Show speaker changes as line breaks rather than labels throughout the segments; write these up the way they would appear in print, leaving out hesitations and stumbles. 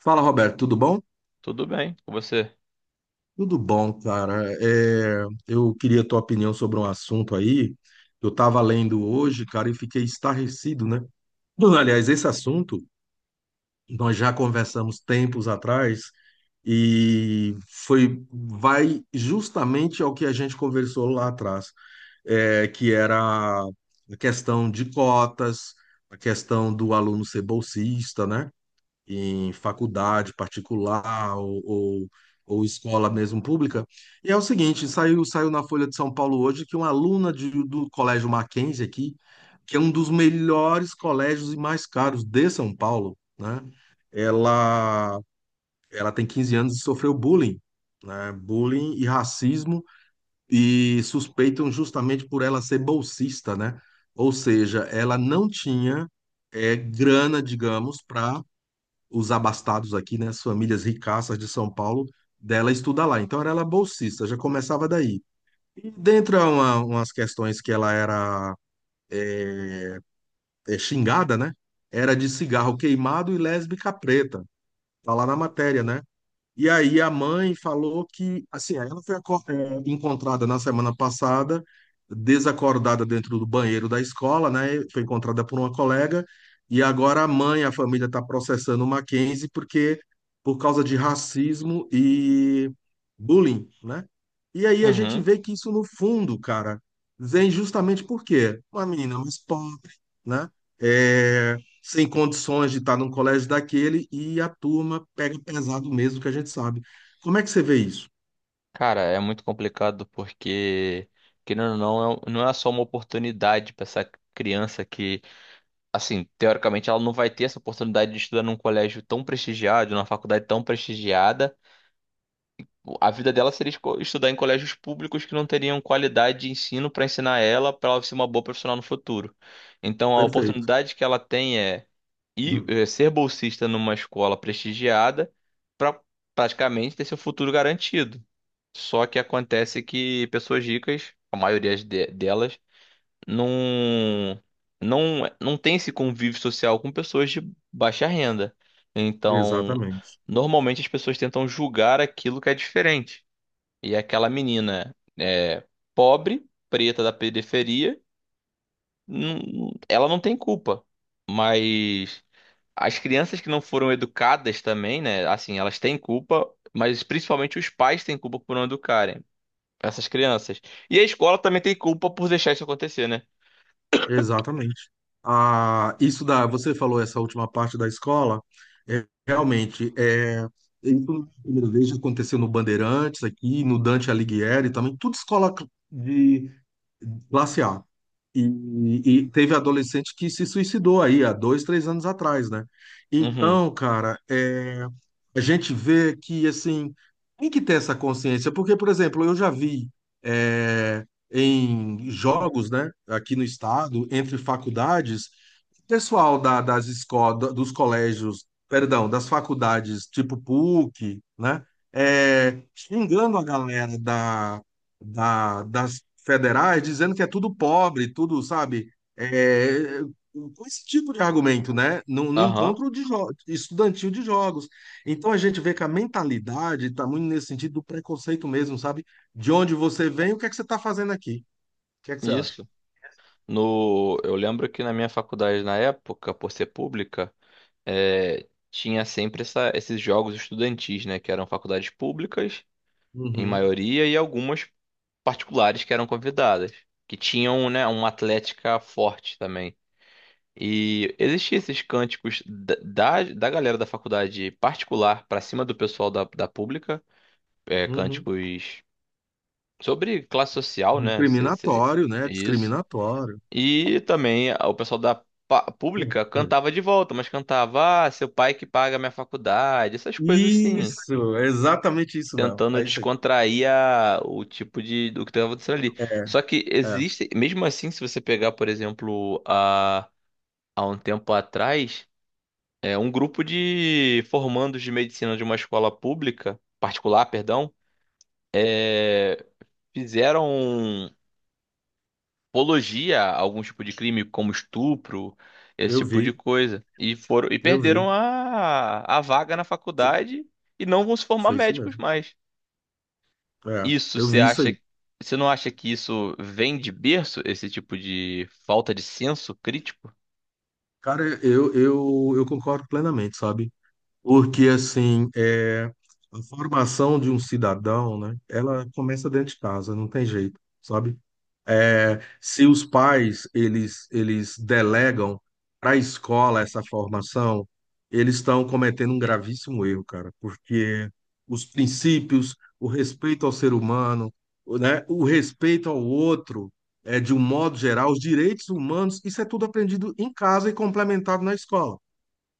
Fala, Roberto, tudo bom?
Tudo bem com você?
Tudo bom, cara. É, eu queria a tua opinião sobre um assunto aí. Eu estava lendo hoje, cara, e fiquei estarrecido, né? Bom, aliás, esse assunto nós já conversamos tempos atrás e foi vai justamente ao que a gente conversou lá atrás, é, que era a questão de cotas, a questão do aluno ser bolsista, né? Em faculdade particular ou escola mesmo pública. E é o seguinte, saiu na Folha de São Paulo hoje que uma aluna do Colégio Mackenzie aqui, que é um dos melhores colégios e mais caros de São Paulo, né? Ela, ela tem 15 anos e sofreu bullying, né? Bullying e racismo, e suspeitam justamente por ela ser bolsista, né? Ou seja, ela não tinha grana, digamos, para os abastados aqui, né, as famílias ricaças de São Paulo, dela estudar lá. Então era ela bolsista, já começava daí. E dentre umas questões que ela era xingada, né, era de cigarro queimado e lésbica preta. Tá lá na matéria, né? E aí a mãe falou que, assim, aí ela foi encontrada na semana passada, desacordada dentro do banheiro da escola, né? Foi encontrada por uma colega, e agora a mãe, a família está processando o Mackenzie por causa de racismo e bullying, né? E aí a gente
Uhum.
vê que isso no fundo, cara, vem justamente por quê? Uma menina mais pobre, né? É, sem condições de estar num colégio daquele e a turma pega pesado mesmo, que a gente sabe. Como é que você vê isso?
Cara, é muito complicado porque, querendo ou não, não é só uma oportunidade para essa criança que, assim, teoricamente ela não vai ter essa oportunidade de estudar num colégio tão prestigiado, numa faculdade tão prestigiada. A vida dela seria estudar em colégios públicos que não teriam qualidade de ensino para ensinar ela, para ela ser uma boa profissional no futuro. Então, a
Perfeito.
oportunidade que ela tem é ir,
Uhum.
ser bolsista numa escola prestigiada para praticamente ter seu futuro garantido. Só que acontece que pessoas ricas, a maioria delas, não, não tem esse convívio social com pessoas de baixa renda. Então,
Exatamente.
normalmente as pessoas tentam julgar aquilo que é diferente. E aquela menina é pobre, preta da periferia, ela não tem culpa. Mas as crianças que não foram educadas também, né? Assim, elas têm culpa, mas principalmente os pais têm culpa por não educarem essas crianças. E a escola também tem culpa por deixar isso acontecer, né?
Exatamente. Ah, isso da, você falou essa última parte da escola, é, realmente, é, isso a primeira vez já aconteceu no Bandeirantes aqui, no Dante Alighieri também, tudo escola de classe A. E teve adolescente que se suicidou aí há dois, três anos atrás, né?
Uhum.
Então, cara, é, a gente vê que, assim, tem que ter essa consciência, porque, por exemplo, eu já vi, é, em jogos, né, aqui no estado, entre faculdades, pessoal das escolas, dos colégios, perdão, das faculdades tipo PUC, né, xingando a galera das federais, dizendo que é tudo pobre, tudo, sabe, é, com esse tipo de argumento, né, no
Aham.
encontro de estudantil de jogos. Então a gente vê que a mentalidade está muito nesse sentido do preconceito mesmo, sabe? De onde você vem, o que é que você está fazendo aqui? O que é que você acha?
Isso. No, eu lembro que na minha faculdade, na época, por ser pública, tinha sempre esses jogos estudantis, né? Que eram faculdades públicas, em
Uhum,
maioria, e algumas particulares que eram convidadas, que tinham, né, uma atlética forte também. E existiam esses cânticos da galera da faculdade particular para cima do pessoal da pública,
uhum.
cânticos sobre classe social, né? Seria
Discriminatório, né?
isso.
Discriminatório.
E também o pessoal da pública cantava de volta, mas cantava, ah, seu pai que paga a minha faculdade, essas coisas assim.
Isso, é exatamente isso mesmo.
Tentando
É isso aí.
descontrair o tipo de do que estava acontecendo ali.
É,
Só que
é.
existe, mesmo assim, se você pegar, por exemplo, há um tempo atrás, um grupo de formandos de medicina de uma escola pública, particular, perdão, é fizeram um apologia a algum tipo de crime, como estupro, esse
eu
tipo de
vi,
coisa. E foram e
eu
perderam
vi.
a vaga na faculdade e não vão se formar
Foi isso
médicos
mesmo.
mais.
É,
Isso
eu
você
vi isso
acha,
aí.
você não acha que isso vem de berço, esse tipo de falta de senso crítico?
Cara, eu concordo plenamente, sabe? Porque, assim, a formação de um cidadão, né, ela começa dentro de casa, não tem jeito, sabe? É, se os pais, eles delegam para a escola essa formação, eles estão cometendo um gravíssimo erro, cara, porque os princípios, o respeito ao ser humano, né, o respeito ao outro, de um modo geral, os direitos humanos, isso é tudo aprendido em casa e complementado na escola.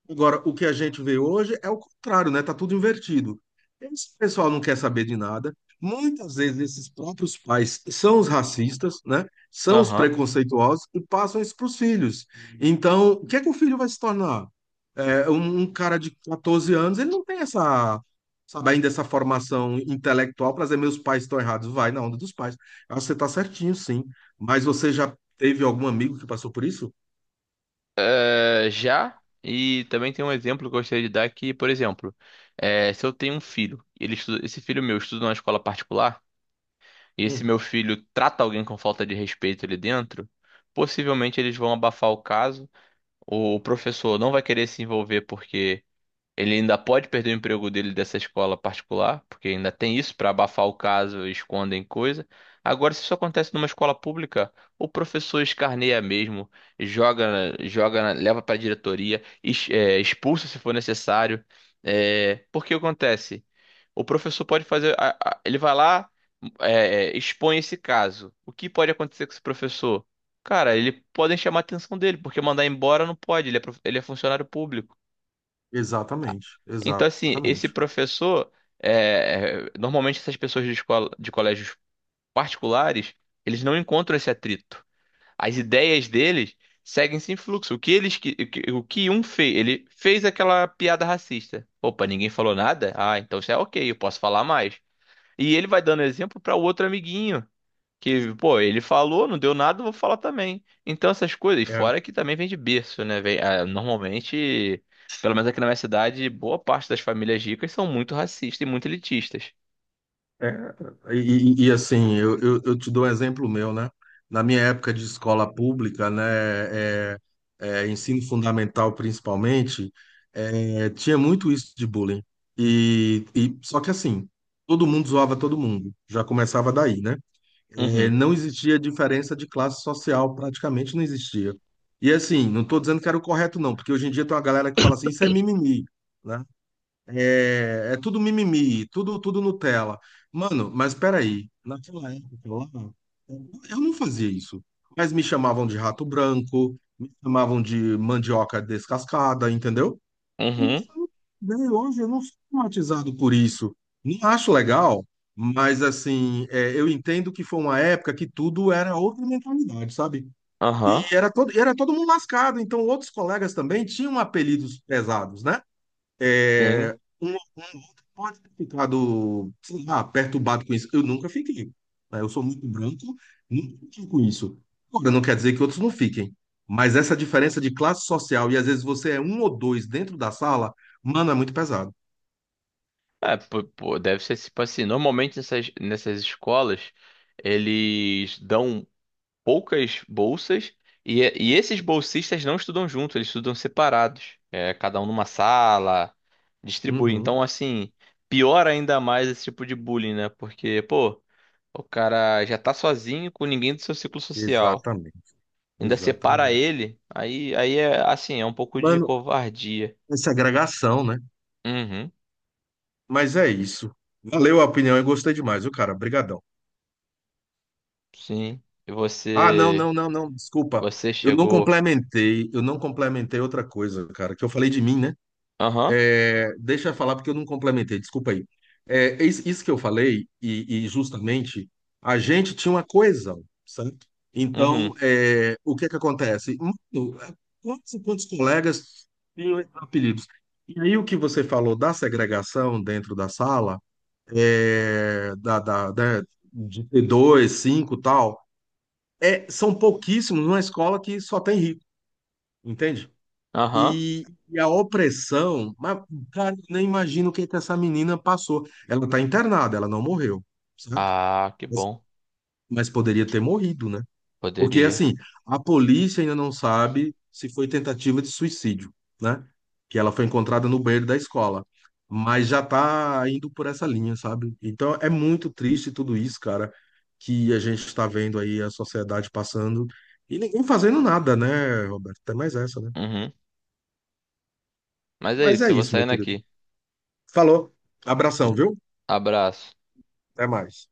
Agora, o que a gente vê hoje é o contrário, né? Tá tudo invertido. Esse pessoal não quer saber de nada. Muitas vezes esses próprios pais são os racistas, né? São os
Aham.
preconceituosos e passam isso para os filhos. Então, o que é que o filho vai se tornar? É, um cara de 14 anos, ele não tem essa, sabe, ainda essa formação intelectual para dizer meus pais estão errados. Vai na onda dos pais. Eu acho que você está certinho, sim. Mas você já teve algum amigo que passou por isso?
É, já, e também tem um exemplo que eu gostaria de dar que, por exemplo, se eu tenho um filho, ele esse filho meu estuda numa escola particular, e se
Hum.
meu filho trata alguém com falta de respeito ali dentro, possivelmente eles vão abafar o caso. O professor não vai querer se envolver porque ele ainda pode perder o emprego dele dessa escola particular, porque ainda tem isso para abafar o caso, escondem coisa. Agora, se isso acontece numa escola pública, o professor escarneia mesmo, joga, joga, leva para a diretoria, expulsa se for necessário. É, porque acontece? O professor pode fazer, ele vai lá, expõe esse caso. O que pode acontecer com esse professor? Cara, ele podem chamar a atenção dele, porque mandar embora não pode, ele é funcionário público.
Exatamente,
Então, assim, esse
exatamente.
professor, normalmente essas pessoas de escola, de colégios particulares, eles não encontram esse atrito. As ideias deles seguem sem fluxo. O que um fez, ele fez aquela piada racista. Opa, ninguém falou nada? Ah, então isso é ok, eu posso falar mais. E ele vai dando exemplo para o outro amiguinho. Que, pô, ele falou, não deu nada, eu vou falar também. Então, essas coisas, e
É,
fora que também vem de berço, né? Vem, ah, normalmente, pelo menos aqui na minha cidade, boa parte das famílias ricas são muito racistas e muito elitistas.
É, assim, eu te dou um exemplo meu, né? Na minha época de escola pública, né, é, ensino fundamental principalmente, tinha muito isso de bullying. E só que assim, todo mundo zoava todo mundo. Já começava daí, né? É,
Uhum,
não existia diferença de classe social, praticamente não existia. E assim, não estou dizendo que era o correto não, porque hoje em dia tem uma galera que fala assim, isso é mimimi, né? É, é tudo mimimi, tudo Nutella. Mano, mas peraí, naquela época lá, eu não fazia isso. Mas me chamavam de rato branco, me chamavam de mandioca descascada, entendeu? E
uhum,
isso, né, hoje eu não sou traumatizado por isso. Não acho legal, mas assim, eu entendo que foi uma época que tudo era outra mentalidade, sabe?
aham,
E era todo mundo lascado, então outros colegas também tinham apelidos pesados, né?
tem.
É, um outro pode ter ficado, sei lá, perturbado com isso. Eu nunca fiquei, né? Eu sou muito branco, nunca fiquei com isso. Agora, não quer dizer que outros não fiquem. Mas essa diferença de classe social, e às vezes você é um ou dois dentro da sala, mano, é muito pesado.
É, pô, pô, deve ser tipo assim, normalmente nessas escolas, eles dão poucas bolsas e esses bolsistas não estudam junto, eles estudam separados, é, cada um numa sala, distribui.
Uhum.
Então, assim, piora ainda mais esse tipo de bullying, né? Porque, pô, o cara já tá sozinho com ninguém do seu ciclo social,
Exatamente,
ainda separa
exatamente.
ele, aí é assim, é um pouco de
Mano,
covardia.
essa agregação, né?
Uhum,
Mas é isso. Valeu a opinião e gostei demais, viu, cara? Obrigadão.
sim. E
Ah, não,
você,
não, não, não, desculpa.
você
Eu não
chegou.
complementei, eu não complementei outra coisa, cara, que eu falei de mim, né?
Aham,
É, deixa eu falar porque eu não complementei, desculpa aí. É, isso que eu falei, e justamente, a gente tinha uma coesão, certo? Então,
uhum,
é, o que é que acontece? Mano, é, quantos colegas tinham esses apelidos? E aí, o que você falou da segregação dentro da sala, é, da, da, da, de T2, 5 e tal são pouquíssimos numa escola que só tem rico, entende?
aham.
E a opressão, mas, cara, eu nem imagino o que que essa menina passou. Ela está internada, ela não morreu, certo?
Ah, que
Mas,
bom.
mas poderia ter morrido, né? Porque,
Poderia.
assim, a polícia ainda não sabe se foi tentativa de suicídio, né? Que ela foi encontrada no banheiro da escola. Mas já tá indo por essa linha, sabe? Então é muito triste tudo isso, cara, que a gente está vendo aí a sociedade passando e ninguém fazendo nada, né, Roberto? Até mais essa, né?
Uhum. Mas é
Mas é
isso, eu vou
isso, meu
saindo
querido.
aqui.
Falou. Abração, viu?
Abraço.
Até mais.